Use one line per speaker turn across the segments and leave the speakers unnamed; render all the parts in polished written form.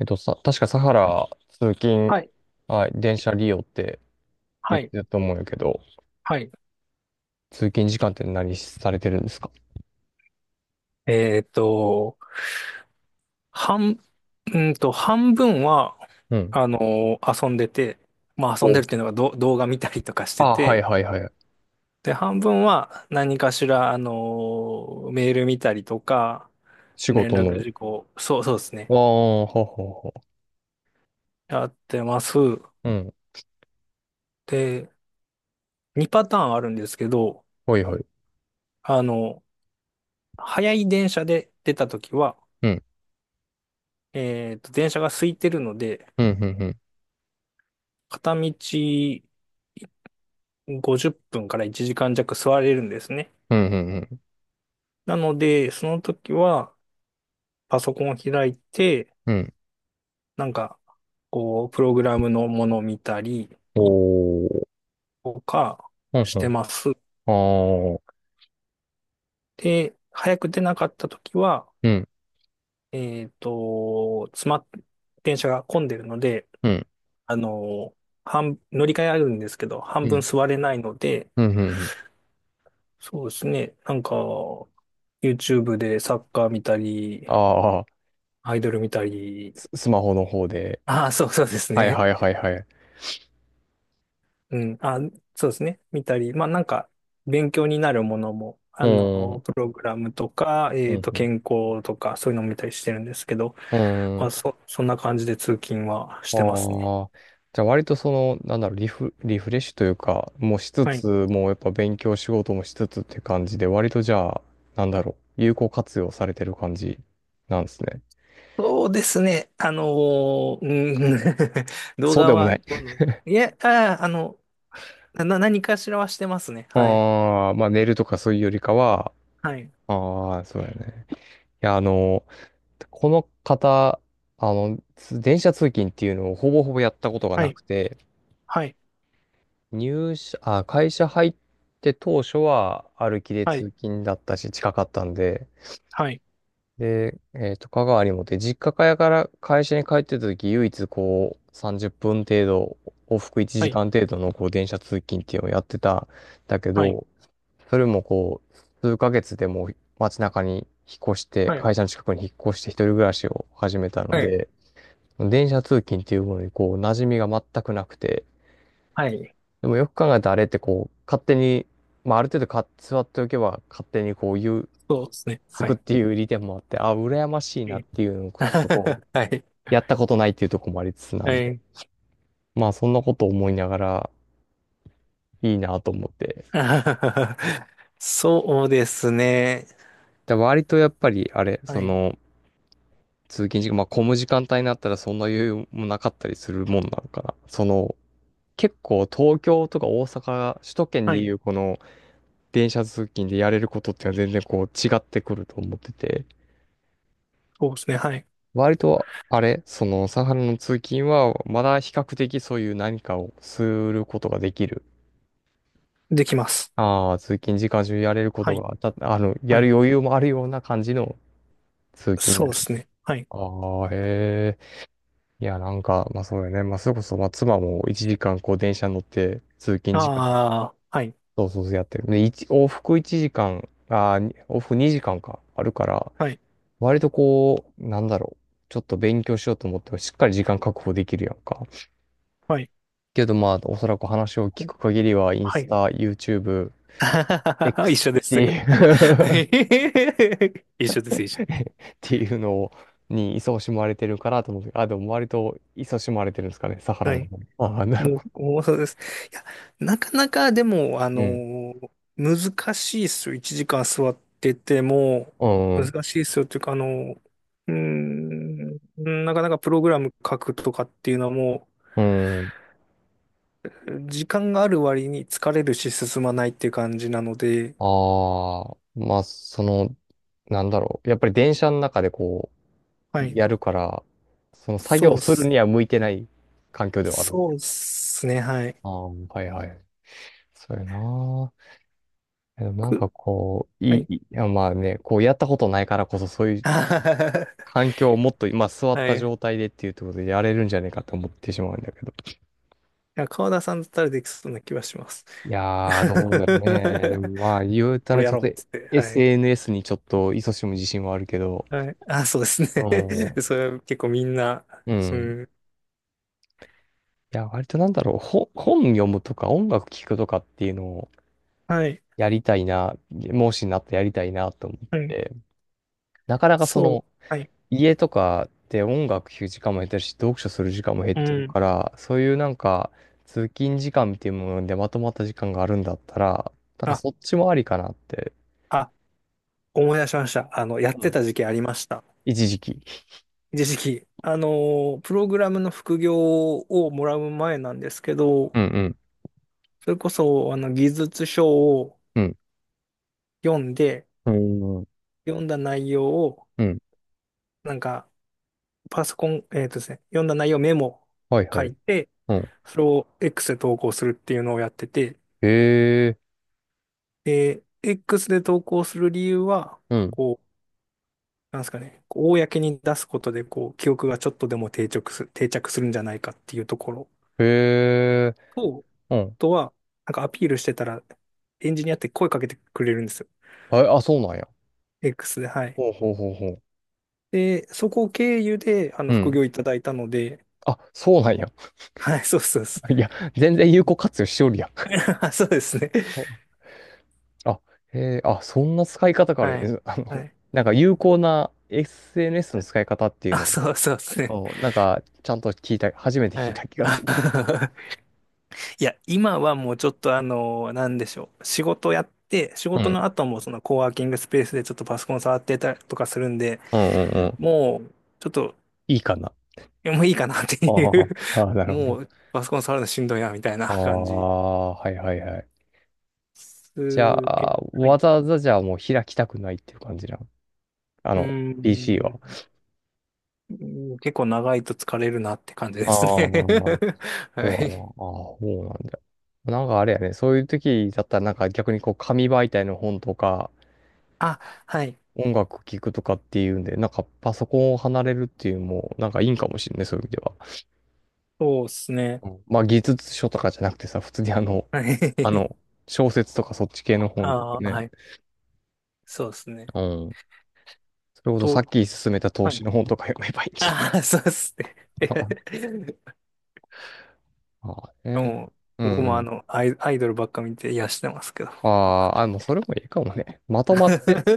確かサハラ通勤、
はい、
はい、電車利用って言
は
っ
い、
てたと思うんやけど、
はい。
通勤時間って何されてるんですか？
えっと、半、うんと、半分は、
うん。
遊んでて、まあ遊んで
お、
るっていうのが動画見たりとかして
あ、はい
て、
はいはい。
で、半分は何かしら、メール見たりとか、
仕
連
事
絡
の。
事項、そう、そうです
あ
ね。
あ、ははは。
やってます。
うん。
で、2パターンあるんですけど、
はいはい。
あの、早い電車で出たときは、
うん。
電車が空いてるので、
うん、うん、うん。
片道、50分から1時間弱座れるんですね。
うん、うん、う
なので、その時はパソコンを開いて、
ん。うん、
なんか、こう、プログラムのものを見たり
おー。
とか
うん、
し
う
てます。
ん。ああ。
で、早く出なかった時は、
うん、
えっと、詰まっ、電車が混んでるので、
うん、
あの、乗り換えあるんですけど、半
うん、う
分
ん、
座れないので、
うん。うん、
そうですね、なんか、YouTube でサッカー見たり、
ああ、
アイドル見たり、
ススマホの方で。
ああ、そうそうです
はい
ね。
はいはいはい。う
うん、あ、そうですね。見たり、まあなんか、勉強になるものも、
ーん、
プログラムとか、
うん、
健康とか、そういうのも見たりしてるんですけど、
うん。
ま
う、
あ、そんな感じで通勤はし
あ
てますね。
あ、じゃあ割とその、なんだろう、リフレッシュというか、もうしつ
は
つ、
い。
もうやっぱ勉強仕事もしつつって感じで、割とじゃあ、なんだろう、有効活用されてる感じなんですね。
そうですね。うん。 動
そう
画
でも
は、
ない。
いや、何かしらはしてますね。はい。
ああ、まあ寝るとかそういうよりかは、
はい。
ああ、そうだね。いや、あの、この方、つ電車通勤っていうのをほぼほぼやったことが
は
な
い。
くて、
はい。
入社、あ、会社入って当初は歩きで通
は
勤だったし、近かったんで、
い。
で、香川にもって、実家から会社に帰ってた時、唯一こう、30分程度、往復1
はい。
時間程度のこう、電車通勤っていうのをやってたんだけ
はい。
ど、それもこう、数ヶ月でもう街中に引っ越して、
はい。
会社の近くに引っ越して一人暮らしを始めたの
はい。はい。
で、電車通勤っていうものにこう、馴染みが全くなくて、
はい、
でもよく考えたらあれってこう、勝手に、まあ、ある程度か座っておけば勝手にこう、ゆ
そうですね。
つ
は
くっ
い。
ていう利点もあって、あ、羨ましい
う
なっ
ん。
ていうのを ちょっとこう、
はい。
やったことないっていうところもありつつな
は
んで、
い。
まあそんなことを思いながらいいなと思って。
そうですね。
で割とやっぱりあれ、
は
そ
い。
の、通勤時間、まあ混む時間帯になったらそんな余裕もなかったりするもんなのかな。その、結構東京とか大阪、首都圏
は
でい
い。
うこの電車通勤でやれることっていうのは全然こう違ってくると思ってて、
そうですね。はい。
割とあれ、そのサハラの通勤はまだ比較的そういう何かをすることができる、
できます。
ああ、通勤時間中やれるこ
は
と
い。
が、た、あの、
は
や
い。
る余裕もあるような感じの通勤
そ
だ
うで
よ。
すね。はい。
ああ、へえ。いや、なんか、まあそうよね。まあそれこそ、まあ妻も1時間こう電車乗って通勤時間、
ああ、はい。
そうそうそうやってる。で、一往復1時間、ああ、に往復2時間か、あるから、
はい。
割とこう、なんだろう。ちょっと勉強しようと思っても、しっかり時間確保できるやんか。
はい。
けどまあ、おそらく話を聞く限りは、イン
は
ス
い。
タ、YouTube、
一
X
緒で
っ
す。
てい う
はい、一緒です、一
っ
緒。
ていうのを、に勤しまれてるからと思うてであ、でも割と勤しまれてるんですかね、サハラ
は
の
い。
方。ああ、なるほど。
もうそうです。いや、なかなかでも、
うん。
難しいですよ。1時間座ってても、難しいですよっていうか、なかなかプログラム書くとかっていうのはも
うん。うん。
う、時間がある割に疲れるし進まないっていう感じなので、
ああ、まあ、その、なんだろう。やっぱり電車の中でこ
は
う、
い。
やるから、その作
そ
業
うっ
する
す。
には向いてない環境ではある。
そうっすね、はい。
ああ、はいはい。そうやな。でもなん
く
かこう、
は
い
い。
い、いやまあね、こうやったことないからこそそういう 環境をもっと今座っ
は
た
い。
状
い
態でっていうところでやれるんじゃねえかと思ってしまうんだけど。
や、川田さんだったらできそうな気はします。
いやー、どうだろうね。で もまあ、言うたら
俺や
ちょっ
ろ
と
うっつって。はい。
SNS にちょっと勤しむ自信はあるけど、
はい。あ、そうですね。
う ん。
それは結構みんな、
う
う
ん。
ん。
いや、割となんだろう、本読むとか音楽聴くとかっていうのを
はい。
やりたいな、もしなったらやりたいなと思っ
はい。
て、なかなかそ
そう。
の、
はい。
家とかで音楽聴く時間も減ってるし、読書する時間も減っ
う
てる
ん。
から、そういうなんか、通勤時間っていうものでまとまった時間があるんだったら、なんか
あ、
そっちもありかなって、
あ、思い出しました。やっ
う
て
ん。
た時期ありました。
一時期。
一時期。プログラムの副業をもらう前なんですけど、
うんうん。
それこそ、技術書を
うん。
読んで、
うーん。
読んだ内容を、
うん。
なんか、パソコン、えっとですね、読んだ内容メモ
はい
書
はい。
いて、
うん。
それを X で投稿するっていうのをやってて、
へえ。
で、X で投稿する理由は、
うん。
こう、なんですかね、こう公に出すことで、こう、記憶がちょっとでも定着するんじゃないかっていうところ
へえ。
と、
うん。
あとは、なんかアピールしてたら、エンジニアって声かけてくれるんですよ。
あ、あ、そうなんや。
X で、はい。
ほうほうほうほう。
で、そこを経由で、
う
副
ん。
業いただいたので、
あ、そうなんや。
はい、そうそうです。
いや、全然有効活用しおるやん。
そうですね。
あ、へえ、あ、そんな使い方があるん
は
で
い。
す。あの、
はい。
なんか有効な SNS の使い方っていう
あ、
のを、
そうそうですね。
お、なんか、ちゃんと聞いた、初めて聞
は
い
い。
た気がする。
いや、今はもうちょっとなんでしょう。仕事やって、仕
う
事の
ん。
後もそのコワーキングスペースでちょっとパソコン触ってたりとかするんで、
うんうんうん。
もう、ちょっと、
いいかな。
いやもういいかなって
あ
い
ー、
う。
あー、 なるほ
も
ど。
う、パソコン触るのしんどいな、みたいな
あ
感じ。
あ、はいはいはい。
す
じゃ
け、
あ、
はい。
わざわざじゃあもう開きたくないっていう感じなの。あ
ー
の、PC は。
ん、うん、結構長いと疲れるなって感じで
ああ、
すね。
そう
は
や
い。
な。ああ、そうなんだ。なんかあれやね、そういう時だったらなんか逆にこう紙媒体の本とか、
あ、はい。
音楽聴くとかっていうんで、なんかパソコンを離れるっていうのも、なんかいいんかもしれない、そういう意味では。
そうですね。
うん、まあ技術書とかじゃなくてさ、普通にあの、
は
あ
い。
の、小説とかそっち系の
あ
本とか
あ、
ね。
はい。そうですね。
うん。それこそさっ
と、
き勧めた投
は
資
い。
の本とか読めばいい んじゃ
ああ、そうっすね。
ないか な。 ああ、ね。
もう、
うんう
僕も
ん。
アイドルばっか見て癒してますけど。
あ
あ。
あ、あ、もうそれもいいかもね。まとま ってス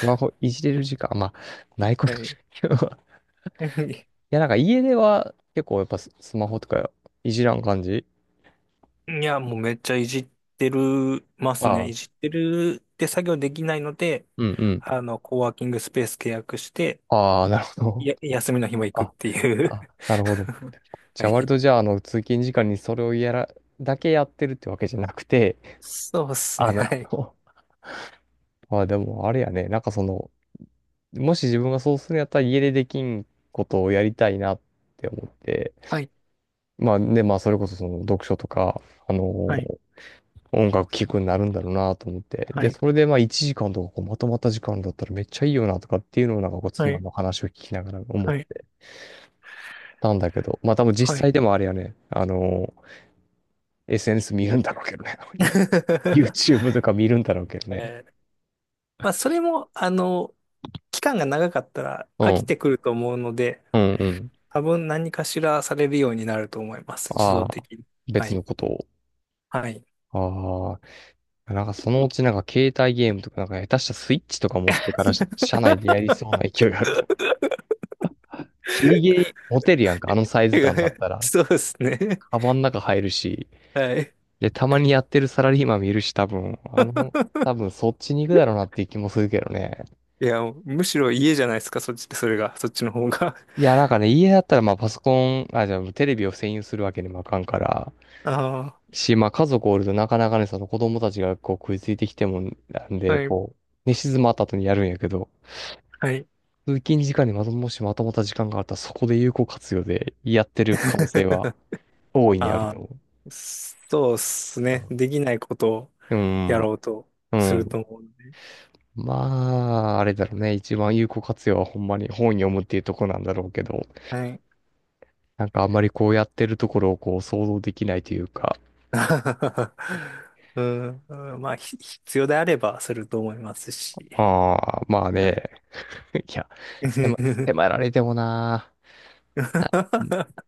マホいじれる時間、まあ、ないこ
は
とない
い。
けど。いや、なんか家では結構やっぱススマホとかいじらん感じ、
いや、もうめっちゃいじってるます
あ
ね。
あ、
いじってるって作業できないので、
うんうん。
コワーキングスペース契約して、
ああ、なるほど。
や、休みの日も行くっ
あ、
ていう。
あ、なるほど。
は
じゃあ割
い。
とじゃあ、あの、通勤時間にそれをやら、だけやってるってわけじゃなくて、
そうっ すね。
あ、な
は
る
い。
ほど。まあでも、あれやね、なんかその、もし自分がそうするんやったら家でできんことをやりたいなって思って、
はい、
まあで、まあそれこそその読書とか、あの
はい、
音楽聴くになるんだろうなと思って。
は
で、
い、
それでまあ1時間とかこうまとまった時間だったらめっちゃいいよなとかっていうのをなんかこう
は
妻
い、
の話を聞きながら思っ
はい、
てたんだけど、まあ多分
は
実際
い。
でもあれやね、あの SNS 見るんだろうけどね。YouTube とか見るんだろうけどね。
えーまあ、それも、期間が長かったら
う
飽き
ん。
てくると思うので、
うんうん。
多分何かしらされるようになると思います。自
あ
動
あ、
的に。は
別
い。
のこと
はい。
を。ああ、なんかそのうちなんか携帯ゲームとかなんか下手したスイッチとか持ってからし車内でやりそうな 勢いがあるもん。ギリギリ持てるやんか、あのサイズ感だったら。
そうですね。
カバンの中入るし。
はい。
で、たまにやってるサラリーマン見るし、多分、あの、多分そっちに行くだろうなっていう気もするけどね。
いや、むしろ家じゃないですか、そっちの方が。
いや、なんかね、家だったらまあパソコン、あ、じゃあテレビを占有するわけにもあかんから、
あ
し、まあ家族おるとなかなかね、その子供たちがこう食いついてきてもなん
あ、
で、
はい、
こう、寝静まった後にやるんやけど、
はい。
通勤時間にまとも、しまとまった時間があったらそこで有効活用でやってる可能性は 大いにある
あ
と
あ、
思
そうっすね。できないことを
う。うん、
やろうと
う
す
ん。う
ると
ん、
思うんで。
まあ、あれだろうね。一番有効活用はほんまに本読むっていうとこなんだろうけど、
はい。
なんかあんまりこうやってるところをこう想像できないというか、
うん、うんまあ、必要であればすると思いますし。
ああ、まあ
はい。
ね。いや、迫、迫られてもな、な、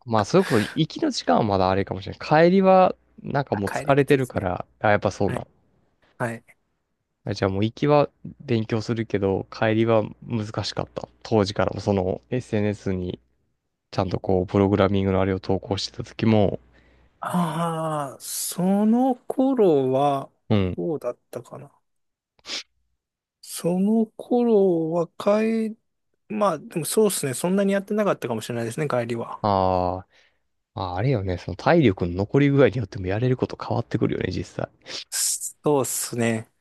まあ、それこそ行きの時間はまだあれかもしれない。帰りは、なんか
あ、
もう
帰
疲
りき
れ
つ
て
いで
る
す
か
ね。
ら、あ、やっぱそう
は
な
い。
の。
はい。
あ、じゃあもう行きは勉強するけど、帰りは難しかった。当時からもその SNS にちゃんとこう、プログラミングのあれを投稿してた時も、
ああ、その頃は、
うん。
どうだったかな。その頃は、まあ、でもそうですね。そんなにやってなかったかもしれないですね、帰りは。
あー、まあ、あれよね、その体力の残り具合によってもやれること変わってくるよね、実際。
そうですね。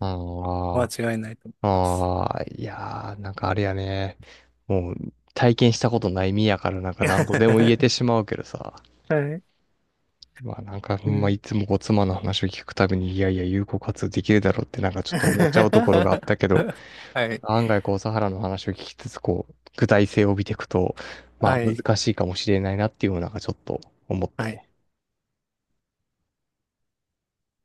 間
あ
違いないと思い
あ、
ます。
ああ、いやー、なんかあれやね。もう体験したことない身やからなんか何度でも言えて しまうけどさ。
はい。
まあなんかほ
う
んま
ん。
いつもこう妻の話を聞くたびに、いやいや有効活用できるだろうってなんかちょっと思っちゃうところがあったけど、
はい。
案外こうサハラの話を聞きつつ、こう具体性を帯びていくと、まあ
はい。
難しいかもしれないなっていうのがちょっと思った
はい。
ね。